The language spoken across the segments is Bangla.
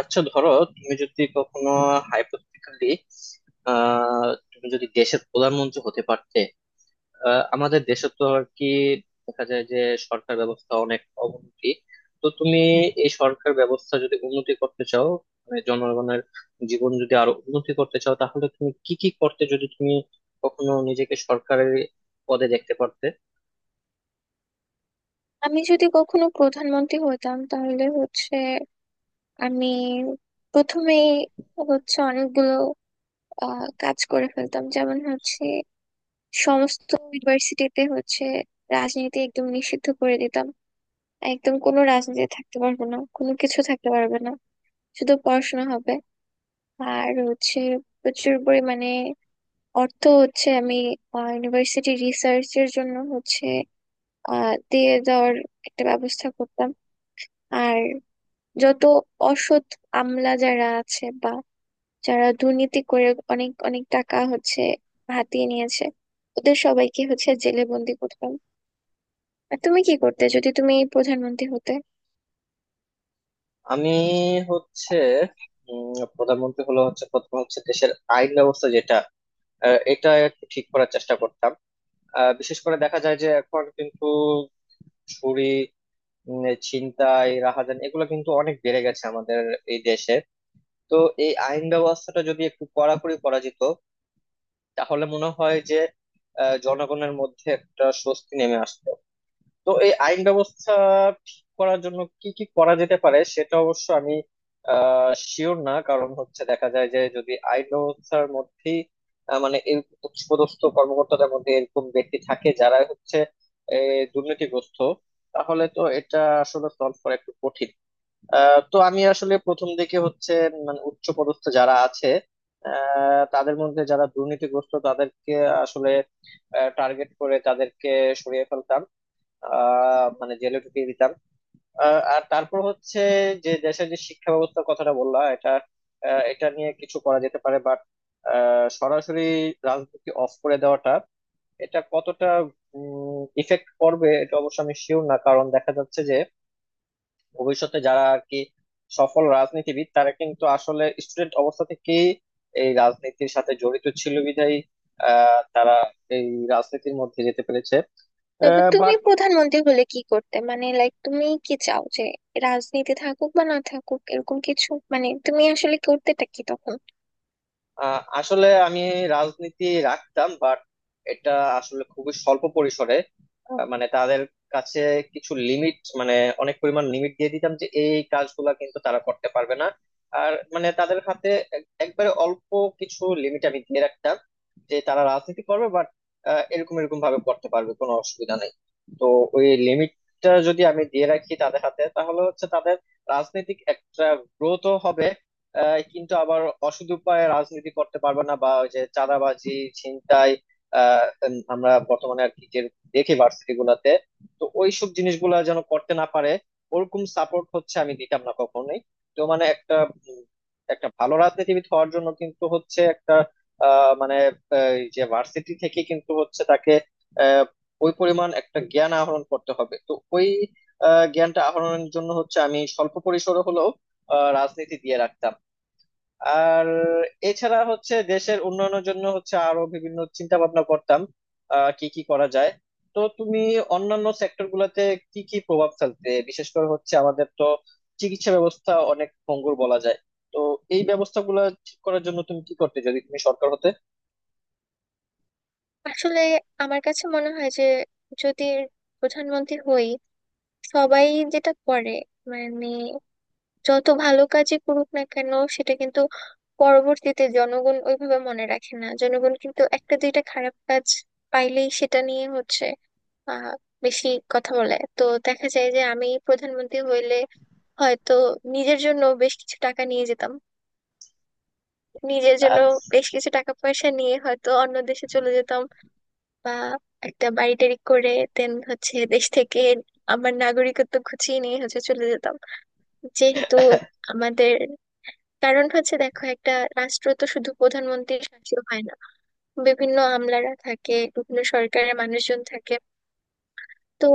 আচ্ছা ধরো, তুমি যদি কখনো হাইপোথেটিক্যালি তুমি যদি দেশের প্রধানমন্ত্রী হতে পারতে। আমাদের দেশে তো আর কি দেখা যায় যে সরকার ব্যবস্থা অনেক অবনতি। তো তুমি এই সরকার ব্যবস্থা যদি উন্নতি করতে চাও, মানে জনগণের জীবন যদি আরো উন্নতি করতে চাও তাহলে তুমি কি কি করতে যদি তুমি কখনো নিজেকে সরকারের পদে দেখতে পারতে? আমি যদি কখনো প্রধানমন্ত্রী হতাম তাহলে হচ্ছে আমি প্রথমেই হচ্ছে অনেকগুলো কাজ করে ফেলতাম, যেমন হচ্ছে সমস্ত ইউনিভার্সিটিতে হচ্ছে রাজনীতি একদম নিষিদ্ধ করে দিতাম। একদম কোনো রাজনীতি থাকতে পারবে না, কোনো কিছু থাকতে পারবে না, শুধু পড়াশোনা হবে। আর হচ্ছে প্রচুর পরিমাণে অর্থ হচ্ছে আমি ইউনিভার্সিটি রিসার্চের জন্য হচ্ছে দিয়ে দেওয়ার একটা ব্যবস্থা করতাম। আর যত অসৎ আমলা যারা আছে বা যারা দুর্নীতি করে অনেক অনেক টাকা হচ্ছে হাতিয়ে নিয়েছে, ওদের সবাইকে হচ্ছে জেলে বন্দি করতাম। আর তুমি কি করতে যদি তুমি প্রধানমন্ত্রী হতে? আমি হচ্ছে প্রধানমন্ত্রী হলো হচ্ছে প্রথম হচ্ছে দেশের আইন ব্যবস্থা যেটা এটা একটু ঠিক করার চেষ্টা করতাম। বিশেষ করে দেখা যায় যে এখন কিন্তু চুরি, ছিনতাই রাহাজান এগুলো কিন্তু অনেক বেড়ে গেছে আমাদের এই দেশে। তো এই আইন ব্যবস্থাটা যদি একটু কড়াকড়ি করা যেত তাহলে মনে হয় যে জনগণের মধ্যে একটা স্বস্তি নেমে আসতো। তো এই আইন ব্যবস্থা ঠিক করার জন্য কি কি করা যেতে পারে সেটা অবশ্য আমি শিওর না, কারণ হচ্ছে দেখা যায় যে যদি আইন ব্যবস্থার মধ্যেই মানে এই উচ্চপদস্থ কর্মকর্তাদের মধ্যে এরকম ব্যক্তি থাকে যারা হচ্ছে এ, দুর্নীতিগ্রস্ত, তাহলে তো এটা আসলে সলভ করা একটু কঠিন। তো আমি আসলে প্রথম দিকে হচ্ছে মানে উচ্চপদস্থ যারা আছে তাদের মধ্যে যারা দুর্নীতিগ্রস্ত তাদেরকে আসলে টার্গেট করে তাদেরকে সরিয়ে ফেলতাম, মানে জেলে ঢুকিয়ে দিতাম। আর তারপর হচ্ছে যে দেশের যে শিক্ষা ব্যবস্থার কথাটা বললাম এটা এটা নিয়ে কিছু করা যেতে পারে, বাট সরাসরি রাজনীতি অফ করে দেওয়াটা এটা কতটা ইফেক্ট করবে এটা অবশ্য আমি শিওর না, কারণ দেখা যাচ্ছে যে ভবিষ্যতে যারা আর কি সফল রাজনীতিবিদ তারা কিন্তু আসলে স্টুডেন্ট অবস্থা থেকেই এই রাজনীতির সাথে জড়িত ছিল বিধায় তারা এই রাজনীতির মধ্যে যেতে পেরেছে। তবে তুমি প্রধানমন্ত্রী হলে কি করতে, মানে লাইক তুমি কি চাও যে রাজনীতি থাকুক বা না থাকুক এরকম কিছু, মানে তুমি আসলে করতেটা কি তখন? আসলে আমি রাজনীতি রাখতাম বাট এটা আসলে খুবই স্বল্প পরিসরে। মানে তাদের কাছে কিছু লিমিট, মানে অনেক পরিমাণ লিমিট দিয়ে দিতাম যে এই কাজগুলা কিন্তু তারা করতে পারবে না। আর মানে তাদের হাতে একবারে অল্প কিছু লিমিট আমি দিয়ে রাখতাম যে তারা রাজনীতি করবে বাট এরকম এরকম ভাবে করতে পারবে, কোনো অসুবিধা নেই। তো ওই লিমিটটা যদি আমি দিয়ে রাখি তাদের হাতে তাহলে হচ্ছে তাদের রাজনৈতিক একটা গ্রোথও হবে, কিন্তু আবার অসৎ উপায়ে রাজনীতি করতে পারবে না, বা ওই যে চাঁদাবাজি ছিনতাই আমরা বর্তমানে আর কি যে দেখি ভার্সিটি গুলাতে। তো ওইসব জিনিসগুলা যেন করতে না পারে ওরকম সাপোর্ট হচ্ছে আমি দিতাম না কখনোই। তো মানে একটা উম, একটা ভালো রাজনীতিবিদ হওয়ার জন্য কিন্তু হচ্ছে একটা মানে, এই যে ভার্সিটি থেকে কিন্তু হচ্ছে তাকে আহ, ওই পরিমাণ একটা জ্ঞান আহরণ করতে হবে। তো ওই জ্ঞানটা আহরণের জন্য হচ্ছে আমি স্বল্প পরিসরে হলেও রাজনীতি দিয়ে রাখতাম। আর এছাড়া হচ্ছে দেশের উন্নয়নের জন্য হচ্ছে আরো বিভিন্ন চিন্তা ভাবনা করতাম কি কি করা যায়। তো তুমি অন্যান্য সেক্টর গুলাতে কি কি প্রভাব ফেলতে? বিশেষ করে হচ্ছে আমাদের তো চিকিৎসা ব্যবস্থা অনেক ভঙ্গুর বলা যায়। তো এই ব্যবস্থাগুলো ঠিক করার জন্য তুমি কি করতে যদি তুমি সরকার হতে? আসলে আমার কাছে মনে হয় যে যদি প্রধানমন্ত্রী হই, সবাই যেটা করে মানে যত ভালো কাজই করুক না কেন সেটা কিন্তু পরবর্তীতে জনগণ ওইভাবে মনে রাখে না। জনগণ কিন্তু একটা দুইটা খারাপ কাজ পাইলেই সেটা নিয়ে হচ্ছে আহ বেশি কথা বলে। তো দেখা যায় যে আমি প্রধানমন্ত্রী হইলে হয়তো নিজের জন্য বেশ কিছু টাকা নিয়ে যেতাম, নিজের জন্য আর বেশ কিছু টাকা পয়সা নিয়ে হয়তো অন্য দেশে চলে যেতাম। বা একটা বাড়ি টাড়ি করে দেন হচ্ছে দেশ থেকে আমার নাগরিকত্ব খুঁচিয়ে নিয়ে হচ্ছে চলে যেতাম। যেহেতু আমাদের কারণ হচ্ছে, দেখো, একটা রাষ্ট্র তো শুধু প্রধানমন্ত্রীর শাসিত হয় না, বিভিন্ন আমলারা থাকে, বিভিন্ন সরকারের মানুষজন থাকে। তো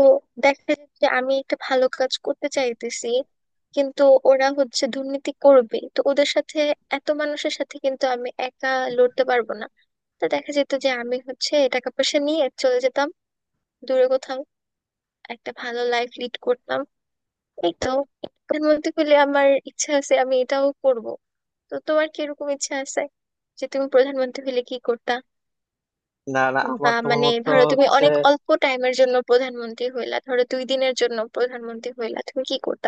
দেখা যায় যে আমি একটা ভালো কাজ করতে চাইতেছি, কিন্তু ওরা হচ্ছে দুর্নীতি করবে। তো ওদের সাথে, এত মানুষের সাথে কিন্তু আমি একা লড়তে পারবো না। তো দেখা যেত যে আমি হচ্ছে টাকা পয়সা নিয়ে চলে যেতাম দূরে কোথাও, একটা ভালো লাইফ লিড করতাম। এই তো, প্রধানমন্ত্রী হলে আমার ইচ্ছা আছে আমি এটাও করব। তো তোমার কি এরকম ইচ্ছা আছে যে তুমি প্রধানমন্ত্রী হলে কি করতা? না না, বা আমার তোমার মানে মতো ধরো তুমি হচ্ছে। অনেক অল্প টাইমের জন্য প্রধানমন্ত্রী হইলা, ধরো দুই দিনের জন্য প্রধানমন্ত্রী হইলা, তুমি কি করতা?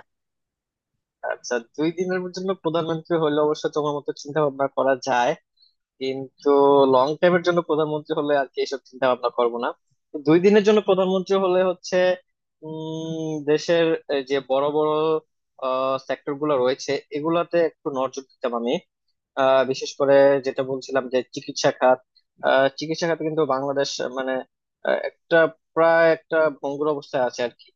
আচ্ছা দুই দিনের জন্য প্রধানমন্ত্রী হলে অবশ্য তোমার মতো চিন্তা ভাবনা করা যায়, কিন্তু লং টাইমের জন্য প্রধানমন্ত্রী হলে আর কি এসব চিন্তা ভাবনা করবো না। তো দুই দিনের জন্য প্রধানমন্ত্রী হলে হচ্ছে দেশের এই যে বড় বড় সেক্টর গুলো রয়েছে এগুলাতে একটু নজর দিতাম আমি। বিশেষ করে যেটা বলছিলাম যে চিকিৎসা খাত। চিকিৎসা খাতে কিন্তু বাংলাদেশ মানে একটা প্রায় একটা ভঙ্গুর অবস্থায় আছে আর কি।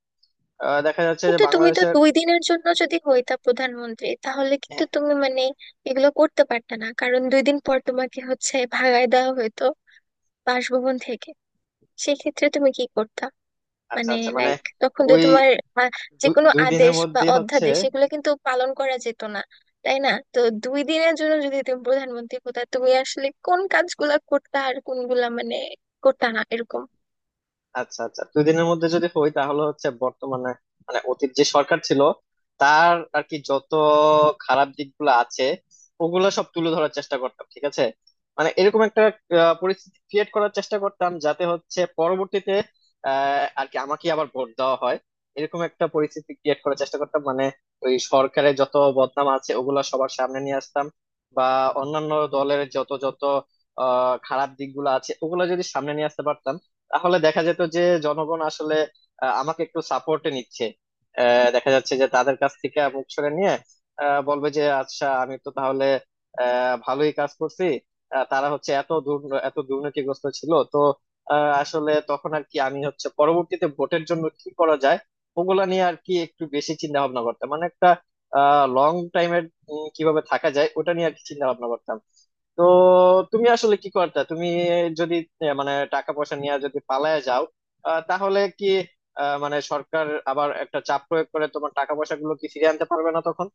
দেখা যাচ্ছে যে কিন্তু তুমি তো বাংলাদেশের। দুই দিনের জন্য যদি হইতা প্রধানমন্ত্রী, তাহলে হ্যাঁ, কিন্তু তুমি মানে এগুলো করতে পারতা না, কারণ দুই দিন পর তোমাকে হচ্ছে ভাগায় দেওয়া হইতো বাসভবন থেকে। সেক্ষেত্রে তুমি কি করতা? আচ্ছা মানে আচ্ছা, মানে লাইক তখন তো ওই তোমার আহ, যে কোনো দুই দিনের আদেশ বা মধ্যে হচ্ছে। অধ্যাদেশ এগুলো কিন্তু পালন করা যেত না, তাই না? তো দুই দিনের জন্য যদি তুমি প্রধানমন্ত্রী হতা, তুমি আসলে কোন কাজগুলা করতা আর কোনগুলা মানে করতা না, এরকম? আচ্ছা আচ্ছা, দুই দিনের মধ্যে যদি হই তাহলে হচ্ছে বর্তমানে, মানে অতীত যে সরকার ছিল তার আর কি যত খারাপ দিকগুলো আছে ওগুলো সব তুলে ধরার চেষ্টা করতাম, ঠিক আছে। মানে এরকম একটা পরিস্থিতি ক্রিয়েট করার চেষ্টা করতাম যাতে হচ্ছে পরবর্তীতে আর কি আমাকে আবার ভোট দেওয়া হয়, এরকম একটা পরিস্থিতি ক্রিয়েট করার চেষ্টা করতাম। মানে ওই সরকারের যত বদনাম আছে ওগুলা সবার সামনে নিয়ে আসতাম, বা অন্যান্য দলের যত যত খারাপ দিকগুলো আছে ওগুলো যদি সামনে নিয়ে আসতে পারতাম তাহলে দেখা যেত যে জনগণ আসলে আমাকে একটু সাপোর্টে নিচ্ছে। দেখা যাচ্ছে যে তাদের কাছ থেকে মুখ সরে নিয়ে বলবে যে আচ্ছা আমি তো তাহলে ভালোই কাজ করছি, তারা হচ্ছে এত এত দুর্নীতিগ্রস্ত ছিল। তো আসলে তখন আর কি আমি হচ্ছে পরবর্তীতে ভোটের জন্য কি করা যায় ওগুলা নিয়ে আর কি একটু বেশি চিন্তা ভাবনা করতাম। মানে একটা লং টাইমের কিভাবে থাকা যায় ওটা নিয়ে আর কি চিন্তা ভাবনা করতাম। তো তুমি আসলে কি করতে তুমি যদি মানে টাকা পয়সা নিয়ে যদি পালায় যাও তাহলে কি মানে সরকার আবার একটা চাপ প্রয়োগ করে তোমার টাকা পয়সা গুলো কি ফিরিয়ে আনতে পারবে না তখন?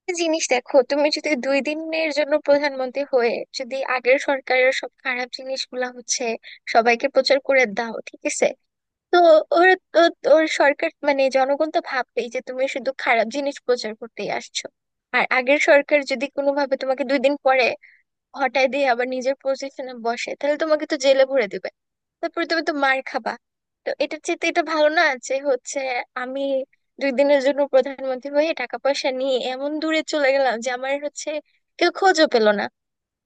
একটা জিনিস দেখো, তুমি যদি দুই দিনের জন্য প্রধানমন্ত্রী হয়ে যদি আগের সরকারের সব খারাপ জিনিসগুলা হচ্ছে সবাইকে প্রচার করে দাও, ঠিক আছে? তো ওরা তো, ওর সরকার মানে জনগণ তো ভাববেই যে তুমি শুধু খারাপ জিনিস প্রচার করতেই আসছো। আর আগের সরকার যদি কোনোভাবে তোমাকে দুই দিন পরে হটায় দিয়ে আবার নিজের পজিশনে বসে, তাহলে তোমাকে তো জেলে ভরে দিবে, তারপরে তুমি তো মার খাবা। তো এটার চেয়ে তো এটা ভালো না যে হচ্ছে আমি দুই দিনের জন্য প্রধানমন্ত্রী হয়ে টাকা পয়সা নিয়ে এমন দূরে চলে গেলাম যে আমার হচ্ছে কেউ খোঁজও পেলো না।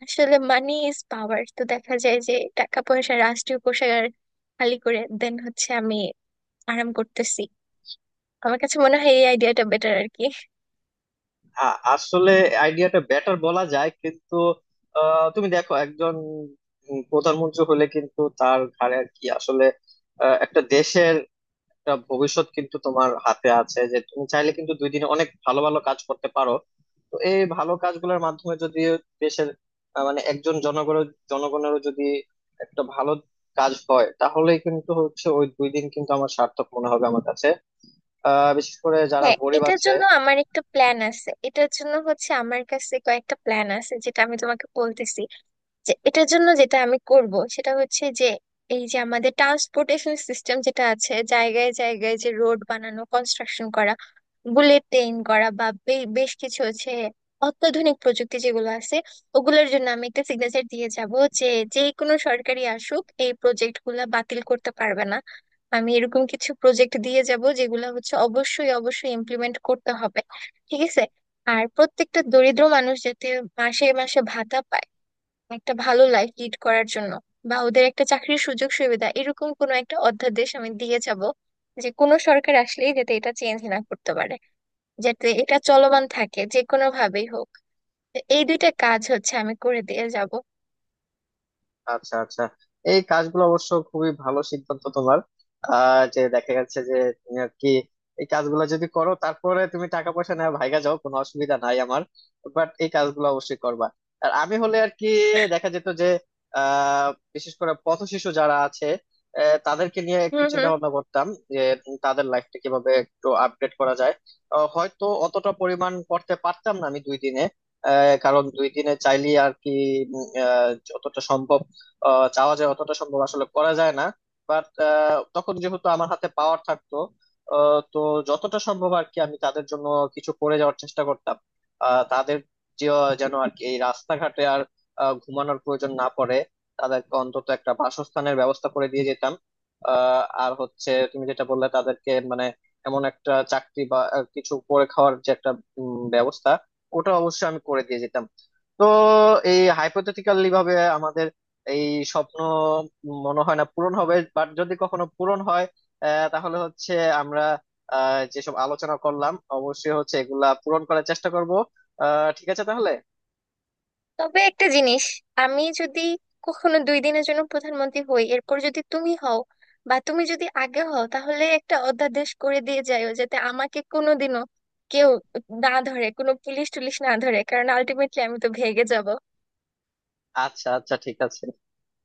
আসলে মানি ইজ পাওয়ার। তো দেখা যায় যে টাকা পয়সা, রাষ্ট্রীয় কোষাগার খালি করে দেন হচ্ছে আমি আরাম করতেছি। আমার কাছে মনে হয় এই আইডিয়াটা বেটার আর কি। আসলে আইডিয়াটা বেটার বলা যায়, কিন্তু তুমি দেখো একজন প্রধানমন্ত্রী হলে কিন্তু তার ঘাড়ে আর কি আসলে একটা দেশের একটা ভবিষ্যৎ কিন্তু তোমার হাতে আছে, যে তুমি চাইলে কিন্তু দুই দিনে অনেক ভালো ভালো কাজ করতে পারো। তো এই ভালো কাজগুলোর মাধ্যমে যদি দেশের মানে একজন জনগণের জনগণেরও যদি একটা ভালো কাজ হয় তাহলে কিন্তু হচ্ছে ওই দুই দিন কিন্তু আমার সার্থক মনে হবে আমার কাছে। বিশেষ করে যারা হ্যাঁ, গরিব এটার আছে। জন্য আমার একটা প্ল্যান আছে, এটার জন্য হচ্ছে আমার কাছে কয়েকটা প্ল্যান আছে যেটা আমি তোমাকে বলতেছি। যে এটার জন্য যেটা আমি করব সেটা হচ্ছে যে এই যে আমাদের ট্রান্সপোর্টেশন সিস্টেম যেটা আছে, জায়গায় জায়গায় যে রোড বানানো, কনস্ট্রাকশন করা, বুলেট ট্রেন করা, বা বেশ কিছু হচ্ছে অত্যাধুনিক প্রযুক্তি যেগুলো আছে, ওগুলোর জন্য আমি একটা সিগনেচার দিয়ে যাব যে যে কোনো সরকারি আসুক এই প্রজেক্ট গুলা বাতিল করতে পারবে না। আমি এরকম কিছু প্রজেক্ট দিয়ে যাব যেগুলো হচ্ছে অবশ্যই অবশ্যই ইমপ্লিমেন্ট করতে হবে, ঠিক আছে? আর প্রত্যেকটা দরিদ্র মানুষ যাতে মাসে মাসে ভাতা পায় একটা ভালো লাইফ লিড করার জন্য, বা ওদের একটা চাকরির সুযোগ সুবিধা, এরকম কোনো একটা অধ্যাদেশ আমি দিয়ে যাব যে কোনো সরকার আসলেই যাতে এটা চেঞ্জ না করতে পারে, যাতে এটা চলমান থাকে যে কোনো ভাবেই হোক। তো এই দুইটা কাজ হচ্ছে আমি করে দিয়ে যাব। আচ্ছা আচ্ছা, এই কাজগুলো অবশ্য খুবই ভালো সিদ্ধান্ত তোমার, যে দেখা যাচ্ছে যে তুমি আর কি এই কাজগুলো যদি করো তারপরে তুমি টাকা পয়সা নেওয়া ভাইগা যাও কোনো অসুবিধা নাই আমার, বাট এই কাজগুলো অবশ্যই করবা। আর আমি হলে আর কি দেখা যেত যে আহ বিশেষ করে পথ শিশু যারা আছে তাদেরকে নিয়ে একটু হম। চিন্তা ভাবনা করতাম, যে তাদের লাইফটা কিভাবে একটু আপডেট করা যায়। হয়তো অতটা পরিমাণ করতে পারতাম না আমি দুই দিনে, কারণ দুই দিনে চাইলে আর কি যতটা সম্ভব চাওয়া যায় অতটা সম্ভব আসলে করা যায় না, বাট তখন যেহেতু আমার হাতে পাওয়ার থাকতো তো যতটা সম্ভব আর কি আমি তাদের জন্য কিছু করে যাওয়ার চেষ্টা করতাম। তাদের যেন আর কি এই রাস্তাঘাটে আর ঘুমানোর প্রয়োজন না পড়ে, তাদেরকে অন্তত একটা বাসস্থানের ব্যবস্থা করে দিয়ে যেতাম। আর হচ্ছে তুমি যেটা বললে তাদেরকে মানে এমন একটা চাকরি বা কিছু করে খাওয়ার যে একটা ব্যবস্থা, ওটা অবশ্যই আমি করে দিয়ে যেতাম। তো এই হাইপোথেটিক্যালি ভাবে আমাদের এই স্বপ্ন মনে হয় না পূরণ হবে, বাট যদি কখনো পূরণ হয় তাহলে হচ্ছে আমরা যেসব আলোচনা করলাম অবশ্যই হচ্ছে এগুলা পূরণ করার চেষ্টা করব। ঠিক আছে তাহলে। তবে একটা জিনিস, আমি যদি কখনো দুই দিনের জন্য প্রধানমন্ত্রী হই এরপর যদি তুমি হও, বা তুমি যদি আগে হও, তাহলে একটা অধ্যাদেশ করে দিয়ে যাইও যাতে আমাকে কোনোদিনও কেউ না ধরে, কোনো পুলিশ টুলিশ না ধরে, কারণ আলটিমেটলি আমি তো ভেগে যাব। আচ্ছা আচ্ছা, ঠিক আছে।